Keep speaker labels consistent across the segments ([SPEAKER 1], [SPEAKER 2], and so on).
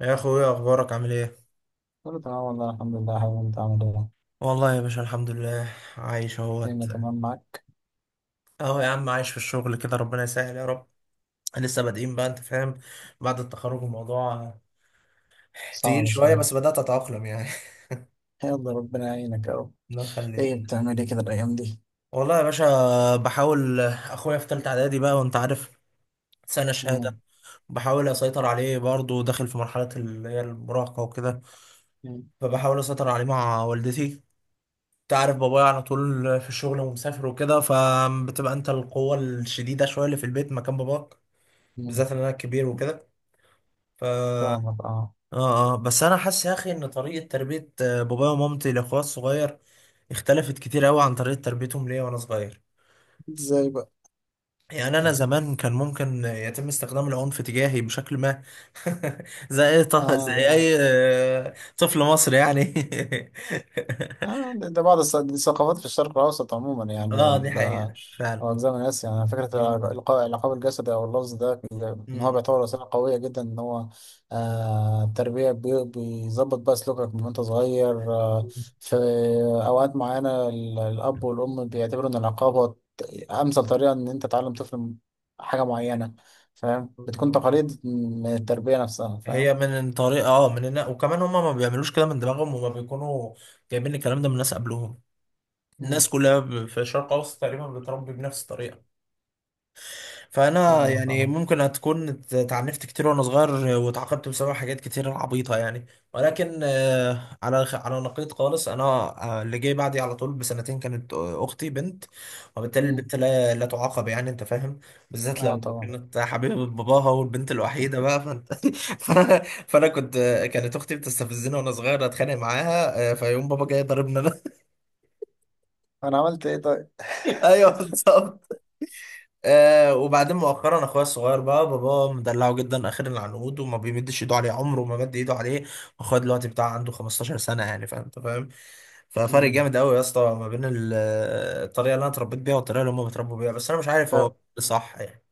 [SPEAKER 1] يا اخويا، اخبارك عامل ايه؟
[SPEAKER 2] كله تمام والله الحمد لله يا حبيبي، انت عامل ايه؟
[SPEAKER 1] والله يا باشا، الحمد لله عايش اهوت.
[SPEAKER 2] الدنيا تمام معاك؟
[SPEAKER 1] اهو يا عم، عايش في الشغل كده، ربنا يسهل يا رب. لسه بادئين بقى، انت فاهم، بعد التخرج الموضوع تقيل
[SPEAKER 2] صعب
[SPEAKER 1] شويه،
[SPEAKER 2] شوية.
[SPEAKER 1] بس بدات اتاقلم يعني.
[SPEAKER 2] يلا ربنا يعينك اهو.
[SPEAKER 1] الله
[SPEAKER 2] ايه
[SPEAKER 1] يخليك.
[SPEAKER 2] بتعمل ايه كده الأيام دي؟
[SPEAKER 1] والله يا باشا، بحاول اخويا في تالتة اعدادي بقى، وانت عارف سنه شهاده.
[SPEAKER 2] مم،
[SPEAKER 1] بحاول اسيطر عليه، برضه داخل في مرحله اللي هي المراهقه وكده،
[SPEAKER 2] مم،
[SPEAKER 1] فبحاول اسيطر عليه مع والدتي. تعرف بابايا على طول في الشغل ومسافر وكده، فبتبقى انت القوة الشديدة شوية اللي في البيت مكان باباك.
[SPEAKER 2] مم.
[SPEAKER 1] بالذات ان انا الكبير وكده. ف اه
[SPEAKER 2] فاهمك، اه.
[SPEAKER 1] اه بس انا حاسس يا اخي ان طريقة تربية بابايا ومامتي لاخويا الصغير اختلفت كتير قوي عن طريقة تربيتهم ليا وانا صغير.
[SPEAKER 2] ازاي بقى؟
[SPEAKER 1] يعني انا زمان كان ممكن يتم استخدام العنف تجاهي بشكل ما. زي
[SPEAKER 2] اه.
[SPEAKER 1] اي طفل مصري يعني.
[SPEAKER 2] دي ثقافات في الشرق الأوسط عموما، يعني
[SPEAKER 1] اه، دي
[SPEAKER 2] وال...
[SPEAKER 1] حقيقة فعلا.
[SPEAKER 2] أو أجزاء من آسيا. يعني
[SPEAKER 1] اه.
[SPEAKER 2] فكرة الإلقاء العقاب الجسدي أو اللفظ ده، إن هو بيعتبر وسيلة قوية جدا، إن هو التربية بيظبط بقى سلوكك من وأنت صغير
[SPEAKER 1] مم.
[SPEAKER 2] في أوقات معينة الأب والأم بيعتبروا إن العقاب هو أمثل طريقة إن أنت تعلم طفل حاجة معينة. فاهم، بتكون تقاليد من التربية نفسها،
[SPEAKER 1] هي
[SPEAKER 2] فاهم.
[SPEAKER 1] من طريقة وكمان هما ما بيعملوش كده من دماغهم، هما بيكونوا جايبين الكلام ده من ناس قبلهم.
[SPEAKER 2] مم،
[SPEAKER 1] الناس كلها في الشرق الاوسط تقريبا بتربي بنفس الطريقة. فانا
[SPEAKER 2] فاهمك
[SPEAKER 1] يعني
[SPEAKER 2] أه.
[SPEAKER 1] ممكن هتكون اتعنفت كتير وانا صغير، واتعاقبت بسبب حاجات كتير عبيطه يعني. ولكن على نقيض خالص، انا اللي جاي بعدي على طول بسنتين، كانت اختي بنت. وبالتالي
[SPEAKER 2] مم،
[SPEAKER 1] البنت لا لا تعاقب يعني، انت فاهم. بالذات لو
[SPEAKER 2] أه طبعا.
[SPEAKER 1] كانت حبيبه باباها والبنت الوحيده بقى، فانا فانا كنت آه، كانت اختي بتستفزني وانا صغير، اتخانق معاها، فيقوم بابا جاي ضاربني انا.
[SPEAKER 2] انا عملت ايه طيب؟
[SPEAKER 1] ايوه، بالظبط. وبعدين مؤخرا اخويا الصغير بقى بابا مدلعه جدا، اخر العنقود، وما بيمدش ايده عليه، عمره ما مد ايده عليه. واخويا دلوقتي بتاع عنده 15 سنه يعني، فاهم، انت فاهم. ففرق
[SPEAKER 2] مم.
[SPEAKER 1] جامد قوي يا اسطى ما بين الطريقه اللي انا اتربيت بيها والطريقه اللي هم بيتربوا بيها، بس انا مش عارف هو
[SPEAKER 2] طب
[SPEAKER 1] صح يعني.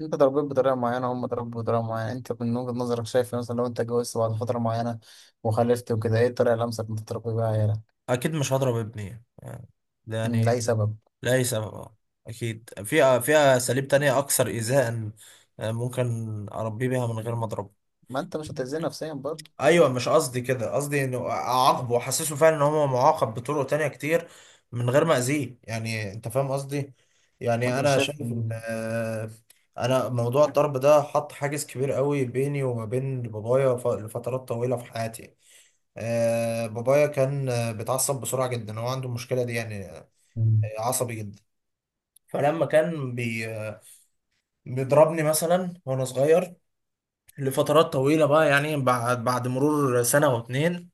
[SPEAKER 2] انت اتربيت بطريقه معينه، هم اتربوا بطريقه معينه، انت من وجهه نظرك شايف مثلا، لو انت اتجوزت بعد فتره معينه وخلفت وكده، ايه الطريقه الامثل انت تربي بيها عيالك؟
[SPEAKER 1] اكيد مش هضرب ابني يعني، ده
[SPEAKER 2] مم،
[SPEAKER 1] يعني،
[SPEAKER 2] لاي سبب؟
[SPEAKER 1] لاي سبب اه. اكيد في اساليب تانية اكثر ايذاء، ممكن اربيه بيها من غير ما اضربه.
[SPEAKER 2] ما انت مش هتأذيه نفسيا برضه؟
[SPEAKER 1] ايوه، مش قصدي كده، قصدي انه اعاقبه واحسسه فعلا ان هو معاقب بطرق تانية كتير من غير ما اذيه، يعني انت فاهم قصدي. يعني
[SPEAKER 2] وانت مش
[SPEAKER 1] انا
[SPEAKER 2] شايف.
[SPEAKER 1] شايف ان
[SPEAKER 2] مم.
[SPEAKER 1] آه، انا موضوع الضرب ده حط حاجز كبير قوي بيني وما بين بابايا لفترات طويلة في حياتي. بابايا كان بيتعصب بسرعة جدا، هو عنده المشكلة دي يعني،
[SPEAKER 2] مم.
[SPEAKER 1] عصبي جدا. فلما كان بي آه، بيضربني مثلا وانا صغير لفترات طويلة بقى يعني، بعد مرور سنة واتنين،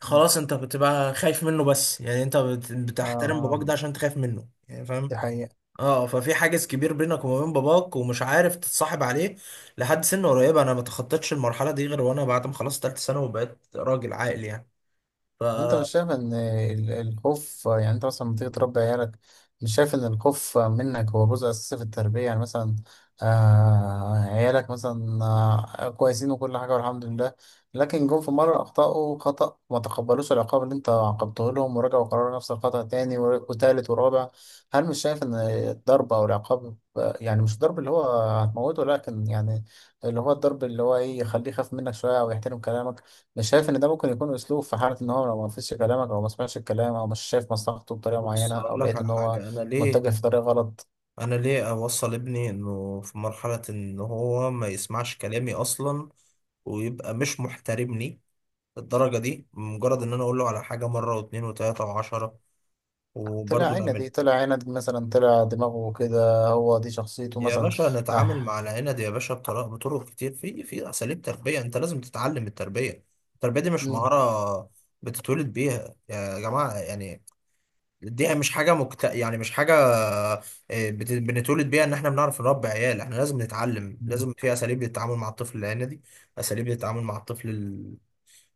[SPEAKER 1] خلاص انت بتبقى خايف منه بس يعني، انت
[SPEAKER 2] اه
[SPEAKER 1] بتحترم
[SPEAKER 2] اه،
[SPEAKER 1] باباك ده عشان انت خايف منه يعني،
[SPEAKER 2] دي
[SPEAKER 1] فاهم.
[SPEAKER 2] حقيقه.
[SPEAKER 1] اه، ففي حاجز كبير بينك وما بين باباك ومش عارف تتصاحب عليه لحد سن قريبه. انا ما تخطيتش المرحله دي غير وانا بعد ما خلصت ثالثه ثانوي وبقيت راجل عاقل يعني. ف
[SPEAKER 2] طب انت مش شايف ان الخوف، يعني انت مثلا لما تيجي تربي عيالك، مش شايف ان الخوف منك هو جزء اساسي في التربية؟ يعني مثلا آه عيالك مثلا آه كويسين وكل حاجة والحمد لله، لكن جم في مرة اخطأوا خطأ، ما تقبلوش العقاب اللي انت عاقبته لهم، ورجعوا قرروا نفس الخطأ تاني وتالت ورابع. هل مش شايف ان الضرب او العقاب، يعني مش الضرب اللي هو هتموته، لكن يعني اللي هو الضرب اللي هو ايه، يخليه يخاف منك شوية او يحترم كلامك؟ مش شايف ان ده ممكن يكون اسلوب، في حاله ان هو لو ما فيش كلامك او ما سمعش الكلام، او مش شايف مصلحته بطريقه
[SPEAKER 1] بص،
[SPEAKER 2] معينه،
[SPEAKER 1] اقول
[SPEAKER 2] او
[SPEAKER 1] لك
[SPEAKER 2] لقيت ان
[SPEAKER 1] على
[SPEAKER 2] هو
[SPEAKER 1] حاجه، انا ليه
[SPEAKER 2] متجه في طريق غلط؟
[SPEAKER 1] انا ليه اوصل ابني انه في مرحله ان هو ما يسمعش كلامي اصلا، ويبقى مش محترمني الدرجه دي، مجرد ان انا اقول له على حاجه مره واتنين وتلاته وعشره
[SPEAKER 2] طلع
[SPEAKER 1] وبرضه
[SPEAKER 2] عينه
[SPEAKER 1] نعملها.
[SPEAKER 2] دي، طلع عينه دي مثلا، طلع دماغه كده، هو دي شخصيته
[SPEAKER 1] يا
[SPEAKER 2] مثلا.
[SPEAKER 1] باشا نتعامل
[SPEAKER 2] اه.
[SPEAKER 1] مع العنب يا باشا بطرق كتير، في اساليب تربيه، انت لازم تتعلم التربيه. التربيه دي مش
[SPEAKER 2] مم.
[SPEAKER 1] مهاره بتتولد بيها يا جماعه يعني. دي مش حاجه بنتولد بيها ان احنا بنعرف نربي عيال، احنا لازم نتعلم،
[SPEAKER 2] مم.
[SPEAKER 1] لازم في اساليب للتعامل مع الطفل العنيدي، اساليب للتعامل مع الطفل ال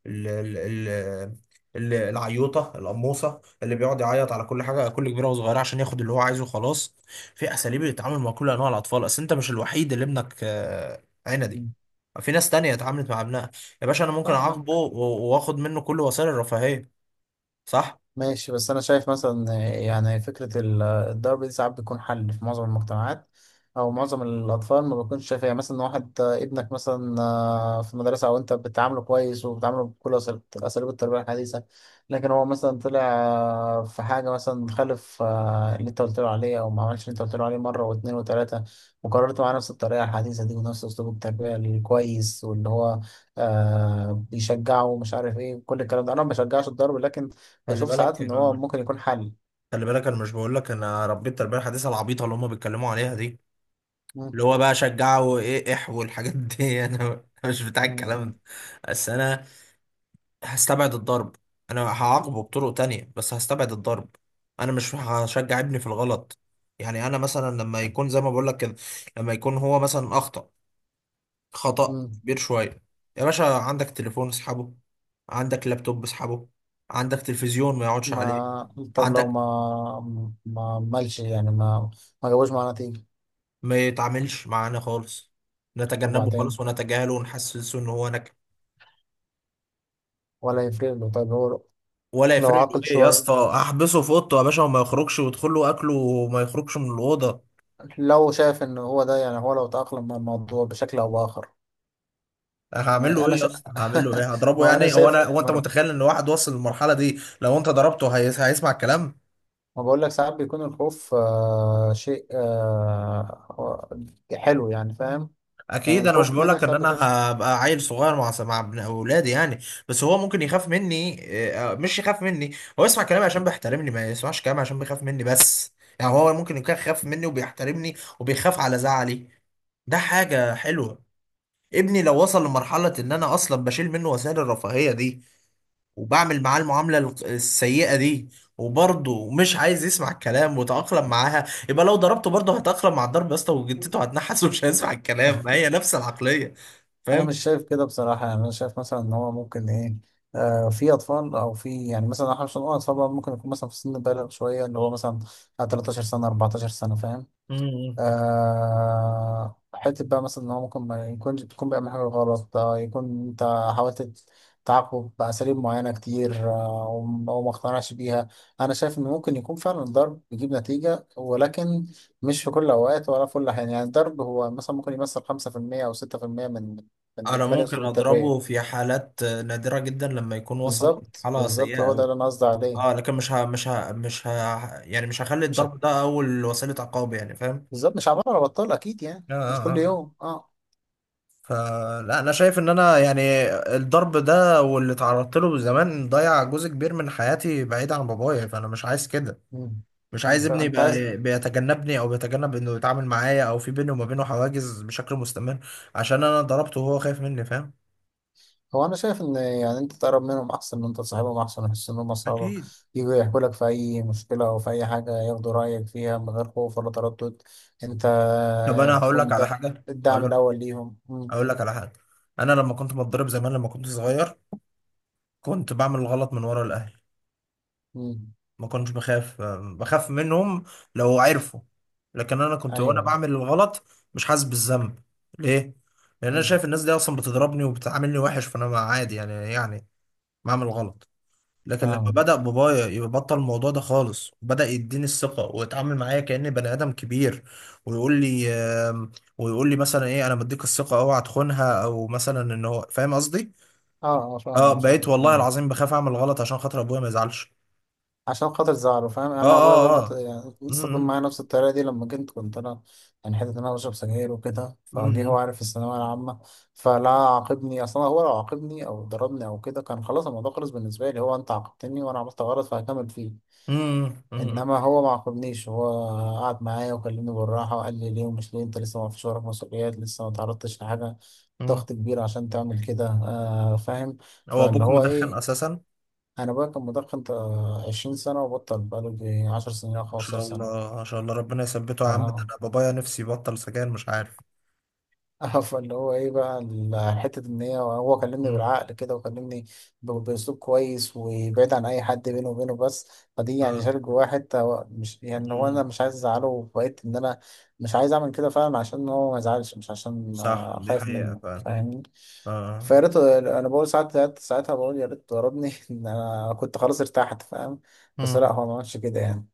[SPEAKER 1] ال ال العيوطه القموصه اللي بيقعد يعيط على كل حاجه كل كبيره وصغيره عشان ياخد اللي هو عايزه، خلاص. في اساليب للتعامل مع كل انواع الاطفال، اصل انت مش الوحيد اللي ابنك عندي،
[SPEAKER 2] مم.
[SPEAKER 1] في ناس تانية اتعاملت مع ابنها. يا باشا انا ممكن اعاقبه
[SPEAKER 2] فاهمك.
[SPEAKER 1] واخد منه كل وسائل الرفاهيه، صح.
[SPEAKER 2] ماشي، بس أنا شايف مثلا، يعني فكرة الضرب دي ساعات بيكون حل في معظم المجتمعات، أو معظم الأطفال ما بيكونش شايفها. يعني مثلا واحد، ابنك مثلا في المدرسة، أو أنت بتعامله كويس وبتعامله بكل أساليب التربية الحديثة، لكن هو مثلا طلع في حاجة مثلا خالف، اللي أنت قلت له عليه، أو ما عملش اللي أنت قلت له عليه مرة واتنين وتلاتة، وقررت معاه نفس الطريقة الحديثة دي ونفس أسلوب التربية الكويس، واللي هو بيشجعه ومش عارف إيه كل الكلام ده. أنا ما بشجعش الضرب، لكن
[SPEAKER 1] خلي
[SPEAKER 2] بشوف ساعات
[SPEAKER 1] بالك
[SPEAKER 2] ان هو
[SPEAKER 1] انا
[SPEAKER 2] ممكن يكون حل.
[SPEAKER 1] خلي بالك انا مش بقول لك انا ربيت التربيه الحديثه العبيطه اللي هم بيتكلموا عليها دي،
[SPEAKER 2] مم.
[SPEAKER 1] اللي هو بقى شجعه وايه والحاجات دي. انا مش بتاع
[SPEAKER 2] مم.
[SPEAKER 1] الكلام
[SPEAKER 2] مم.
[SPEAKER 1] ده. بس انا هستبعد الضرب. انا هعاقبه بطرق تانية بس هستبعد الضرب. انا مش هشجع ابني في الغلط. يعني انا مثلا لما يكون زي ما بقول لك كده، لما يكون هو مثلا اخطأ خطأ
[SPEAKER 2] مم.
[SPEAKER 1] كبير شوية، يا باشا عندك تليفون اسحبه، عندك لابتوب اسحبه، عندك تلفزيون ما يقعدش
[SPEAKER 2] ما
[SPEAKER 1] عليه،
[SPEAKER 2] طب لو
[SPEAKER 1] عندك
[SPEAKER 2] ما مالش، يعني ما ما جابوش معاه نتيجة؟
[SPEAKER 1] ما يتعاملش معانا خالص، نتجنبه خالص
[SPEAKER 2] وبعدين؟
[SPEAKER 1] ونتجاهله ونحسسه ان هو نكد،
[SPEAKER 2] ولا يفرق له؟ طيب هو
[SPEAKER 1] ولا
[SPEAKER 2] لو
[SPEAKER 1] يفرق له
[SPEAKER 2] عاقل
[SPEAKER 1] ايه يا
[SPEAKER 2] شوية،
[SPEAKER 1] اسطى. احبسه في اوضته يا باشا، وما يخرجش، ويدخل له اكله وما يخرجش من الاوضه.
[SPEAKER 2] لو شايف ان هو ده، يعني هو لو تأقلم مع الموضوع بشكل او بآخر؟
[SPEAKER 1] هعمل
[SPEAKER 2] ما
[SPEAKER 1] له
[SPEAKER 2] انا
[SPEAKER 1] ايه يا
[SPEAKER 2] شا...
[SPEAKER 1] اسطى، هعمل له ايه، هضربه
[SPEAKER 2] ما انا
[SPEAKER 1] يعني؟
[SPEAKER 2] شايف،
[SPEAKER 1] هو انت متخيل ان واحد وصل للمرحله دي لو انت ضربته هيسمع الكلام؟
[SPEAKER 2] ما بقول لك ساعات بيكون الخوف شيء حلو، يعني فاهم؟ يعني
[SPEAKER 1] اكيد انا مش
[SPEAKER 2] الخوف
[SPEAKER 1] بقول
[SPEAKER 2] منك
[SPEAKER 1] لك ان
[SPEAKER 2] ساعات بيكون...
[SPEAKER 1] انا هبقى عيل صغير مع ابن اولادي يعني، بس هو ممكن يخاف مني، مش يخاف مني، هو يسمع كلامي عشان بيحترمني، ما يسمعش كلامي عشان بيخاف مني بس. يعني هو ممكن يكون خاف مني وبيحترمني وبيخاف على زعلي، ده حاجه حلوه. ابني لو وصل لمرحله ان انا اصلا بشيل منه وسائل الرفاهيه دي، وبعمل معاه المعاملة السيئة دي، وبرضه مش عايز يسمع الكلام وتأقلم معاها، يبقى لو ضربته برضه هتأقلم مع الضرب يا اسطى، وجدته هتنحس ومش هيسمع الكلام، ما هي نفس العقلية،
[SPEAKER 2] انا
[SPEAKER 1] فاهم.
[SPEAKER 2] مش شايف كده بصراحه. يعني انا شايف مثلا ان هو ممكن ايه، في اطفال، او في، يعني مثلا احنا مش هنقول اطفال بقى، ممكن يكون مثلا في سن بالغ شويه، اللي هو مثلا 13 سنه 14 سنه، فاهم؟
[SPEAKER 1] مم.
[SPEAKER 2] حتة بقى مثلا، إن هو ممكن ما يكونش تكون بيعمل حاجة غلط، يكون أنت حاولت تعاقبه بأساليب معينة كتير، وما اقتنعش بيها. أنا شايف إن ممكن يكون فعلا الضرب بيجيب نتيجة، ولكن مش في كل الأوقات ولا في كل الأحيان. يعني الضرب هو مثلا ممكن يمثل 5% أو 6% من
[SPEAKER 1] انا
[SPEAKER 2] إجمالي
[SPEAKER 1] ممكن
[SPEAKER 2] أسلوب التربية.
[SPEAKER 1] اضربه في حالات نادرة جدا لما يكون وصل
[SPEAKER 2] بالظبط،
[SPEAKER 1] لمرحلة
[SPEAKER 2] بالظبط،
[SPEAKER 1] سيئة
[SPEAKER 2] هو ده
[SPEAKER 1] قوي،
[SPEAKER 2] اللي أنا قصدي عليه.
[SPEAKER 1] اه، لكن مش ه... مش ه... مش ه... يعني مش هخلي
[SPEAKER 2] مش
[SPEAKER 1] الضرب ده اول وسيلة عقاب يعني، فاهم.
[SPEAKER 2] بالظبط، مش عمال على بطال، أكيد يعني
[SPEAKER 1] آه،
[SPEAKER 2] مش
[SPEAKER 1] آه،
[SPEAKER 2] كل
[SPEAKER 1] آه.
[SPEAKER 2] يوم. أه.
[SPEAKER 1] فلا، انا شايف ان انا يعني الضرب ده واللي اتعرضت له زمان ضيع جزء كبير من حياتي بعيد عن بابايا، فانا مش عايز كده.
[SPEAKER 2] مم.
[SPEAKER 1] مش
[SPEAKER 2] مم.
[SPEAKER 1] عايز ابني
[SPEAKER 2] فأنت عايز...
[SPEAKER 1] يبقى بيتجنبني او بيتجنب انه يتعامل معايا، او في بيني وما بينه حواجز بشكل مستمر عشان انا ضربته وهو خايف مني، فاهم.
[SPEAKER 2] هو انا شايف ان يعني انت تقرب منهم احسن، ان انت تصاحبهم احسن، يحس ان هم اصحابك،
[SPEAKER 1] اكيد.
[SPEAKER 2] يجوا يحكوا لك في اي مشكله او في اي حاجه، ياخدوا رايك فيها من غير خوف ولا تردد. انت
[SPEAKER 1] طب انا هقول لك
[SPEAKER 2] بتكون
[SPEAKER 1] على
[SPEAKER 2] ده
[SPEAKER 1] حاجه، اقول
[SPEAKER 2] الدعم
[SPEAKER 1] لك
[SPEAKER 2] الاول ليهم. مم.
[SPEAKER 1] اقول لك على حاجه، انا لما كنت بتضرب زمان لما كنت صغير، كنت بعمل غلط من ورا الاهل،
[SPEAKER 2] مم.
[SPEAKER 1] ما كنتش بخاف منهم لو عرفوا، لكن انا كنت وانا
[SPEAKER 2] ايوه.
[SPEAKER 1] بعمل الغلط مش حاسس بالذنب. ليه؟ لان انا
[SPEAKER 2] مم.
[SPEAKER 1] شايف الناس دي اصلا بتضربني وبتعاملني وحش، فانا عادي يعني بعمل غلط. لكن لما
[SPEAKER 2] فاهم.
[SPEAKER 1] بدأ بابايا يبطل الموضوع ده خالص وبدأ يديني الثقة ويتعامل معايا كأني بني آدم كبير، ويقول لي آم، ويقول لي مثلا ايه، انا مديك الثقة اوعى تخونها، او مثلا ان هو، فاهم قصدي.
[SPEAKER 2] اه اه،
[SPEAKER 1] اه،
[SPEAKER 2] فاهم
[SPEAKER 1] بقيت
[SPEAKER 2] بشكل
[SPEAKER 1] والله
[SPEAKER 2] كبير.
[SPEAKER 1] العظيم بخاف اعمل غلط عشان خاطر ابويا ما يزعلش.
[SPEAKER 2] عشان خاطر زعله، فاهم؟
[SPEAKER 1] اه،
[SPEAKER 2] انا ابويا
[SPEAKER 1] اه،
[SPEAKER 2] برضو،
[SPEAKER 1] اه. م-
[SPEAKER 2] استخدم
[SPEAKER 1] م.
[SPEAKER 2] معايا نفس الطريقه دي لما كنت، كنت انا يعني، حته ان انا بشرب سجاير وكده فجه، هو
[SPEAKER 1] مم.
[SPEAKER 2] عارف في الثانويه العامه. فلا عاقبني اصلا. هو لو عاقبني او ضربني او كده، كان خلاص الموضوع خلص بالنسبه لي. هو انت عاقبتني وانا عملت غلط فهكمل فيه،
[SPEAKER 1] مم. مم.
[SPEAKER 2] انما هو ما عاقبنيش. هو قعد معايا وكلمني بالراحه، وقال لي ليه ومش ليه، انت لسه ما فيش وراك مسؤوليات، لسه ما تعرضتش لحاجه
[SPEAKER 1] مم.
[SPEAKER 2] ضغط كبير عشان تعمل كده، فاهم؟
[SPEAKER 1] هو
[SPEAKER 2] فاللي
[SPEAKER 1] ابوك
[SPEAKER 2] هو
[SPEAKER 1] مدخن
[SPEAKER 2] ايه،
[SPEAKER 1] اساسا؟ ما
[SPEAKER 2] انا بقى كان مدخن تا 20 سنه وبطل بقاله يجي 10 سنين او 15
[SPEAKER 1] شاء
[SPEAKER 2] سنه.
[SPEAKER 1] الله، ما شاء الله، ربنا يثبته يا
[SPEAKER 2] ف-
[SPEAKER 1] عم، ده انا بابايا نفسي يبطل سجاير مش عارف.
[SPEAKER 2] اه، فاللي هو ايه بقى، حته ان هي، كلمني
[SPEAKER 1] مم.
[SPEAKER 2] بالعقل كده، وكلمني باسلوب كويس وبعيد عن اي حد، بينه وبينه بس. فدي يعني
[SPEAKER 1] آه.
[SPEAKER 2] شال جواه حته، هو مش يعني، هو
[SPEAKER 1] مم.
[SPEAKER 2] انا مش عايز ازعله، وبقيت ان انا مش عايز اعمل كده فعلا عشان هو ما يزعلش، مش عشان
[SPEAKER 1] صح، دي
[SPEAKER 2] خايف
[SPEAKER 1] حقيقة
[SPEAKER 2] منه،
[SPEAKER 1] فعلا.
[SPEAKER 2] فاهمني؟
[SPEAKER 1] آه.
[SPEAKER 2] فيا ريت، انا بقول ساعات، ساعتها بقول يا ريت ضربني ان انا كنت خلاص ارتحت، فاهم؟ بس لا
[SPEAKER 1] مم.
[SPEAKER 2] هو ما عملش كده يعني.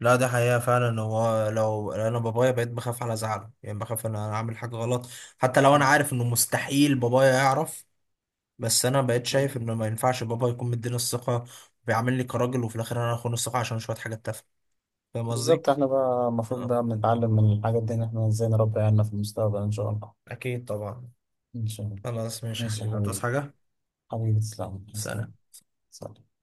[SPEAKER 1] لا، دي حقيقة فعلا، هو لو انا بابايا بقيت بخاف على زعله يعني، بخاف ان انا اعمل حاجة غلط حتى لو انا عارف انه مستحيل بابايا يعرف، بس انا بقيت
[SPEAKER 2] مم.
[SPEAKER 1] شايف انه ما ينفعش بابا يكون مديني الثقة، بيعاملني كراجل، وفي الاخر انا اخون الثقة عشان شوية حاجات تافهة. فاهم قصدي؟
[SPEAKER 2] بالظبط، احنا بقى المفروض
[SPEAKER 1] آه.
[SPEAKER 2] بقى بنتعلم من الحاجات دي ان احنا ازاي نربي عيالنا في المستقبل ان شاء الله.
[SPEAKER 1] أكيد طبعا.
[SPEAKER 2] ان شاء الله.
[SPEAKER 1] خلاص، ماشي يا
[SPEAKER 2] ماشي يا
[SPEAKER 1] حبيبي، تصحى
[SPEAKER 2] حبيبي.
[SPEAKER 1] حاجة.
[SPEAKER 2] حبيبي تسلم،
[SPEAKER 1] سلام.
[SPEAKER 2] سلام. سلام.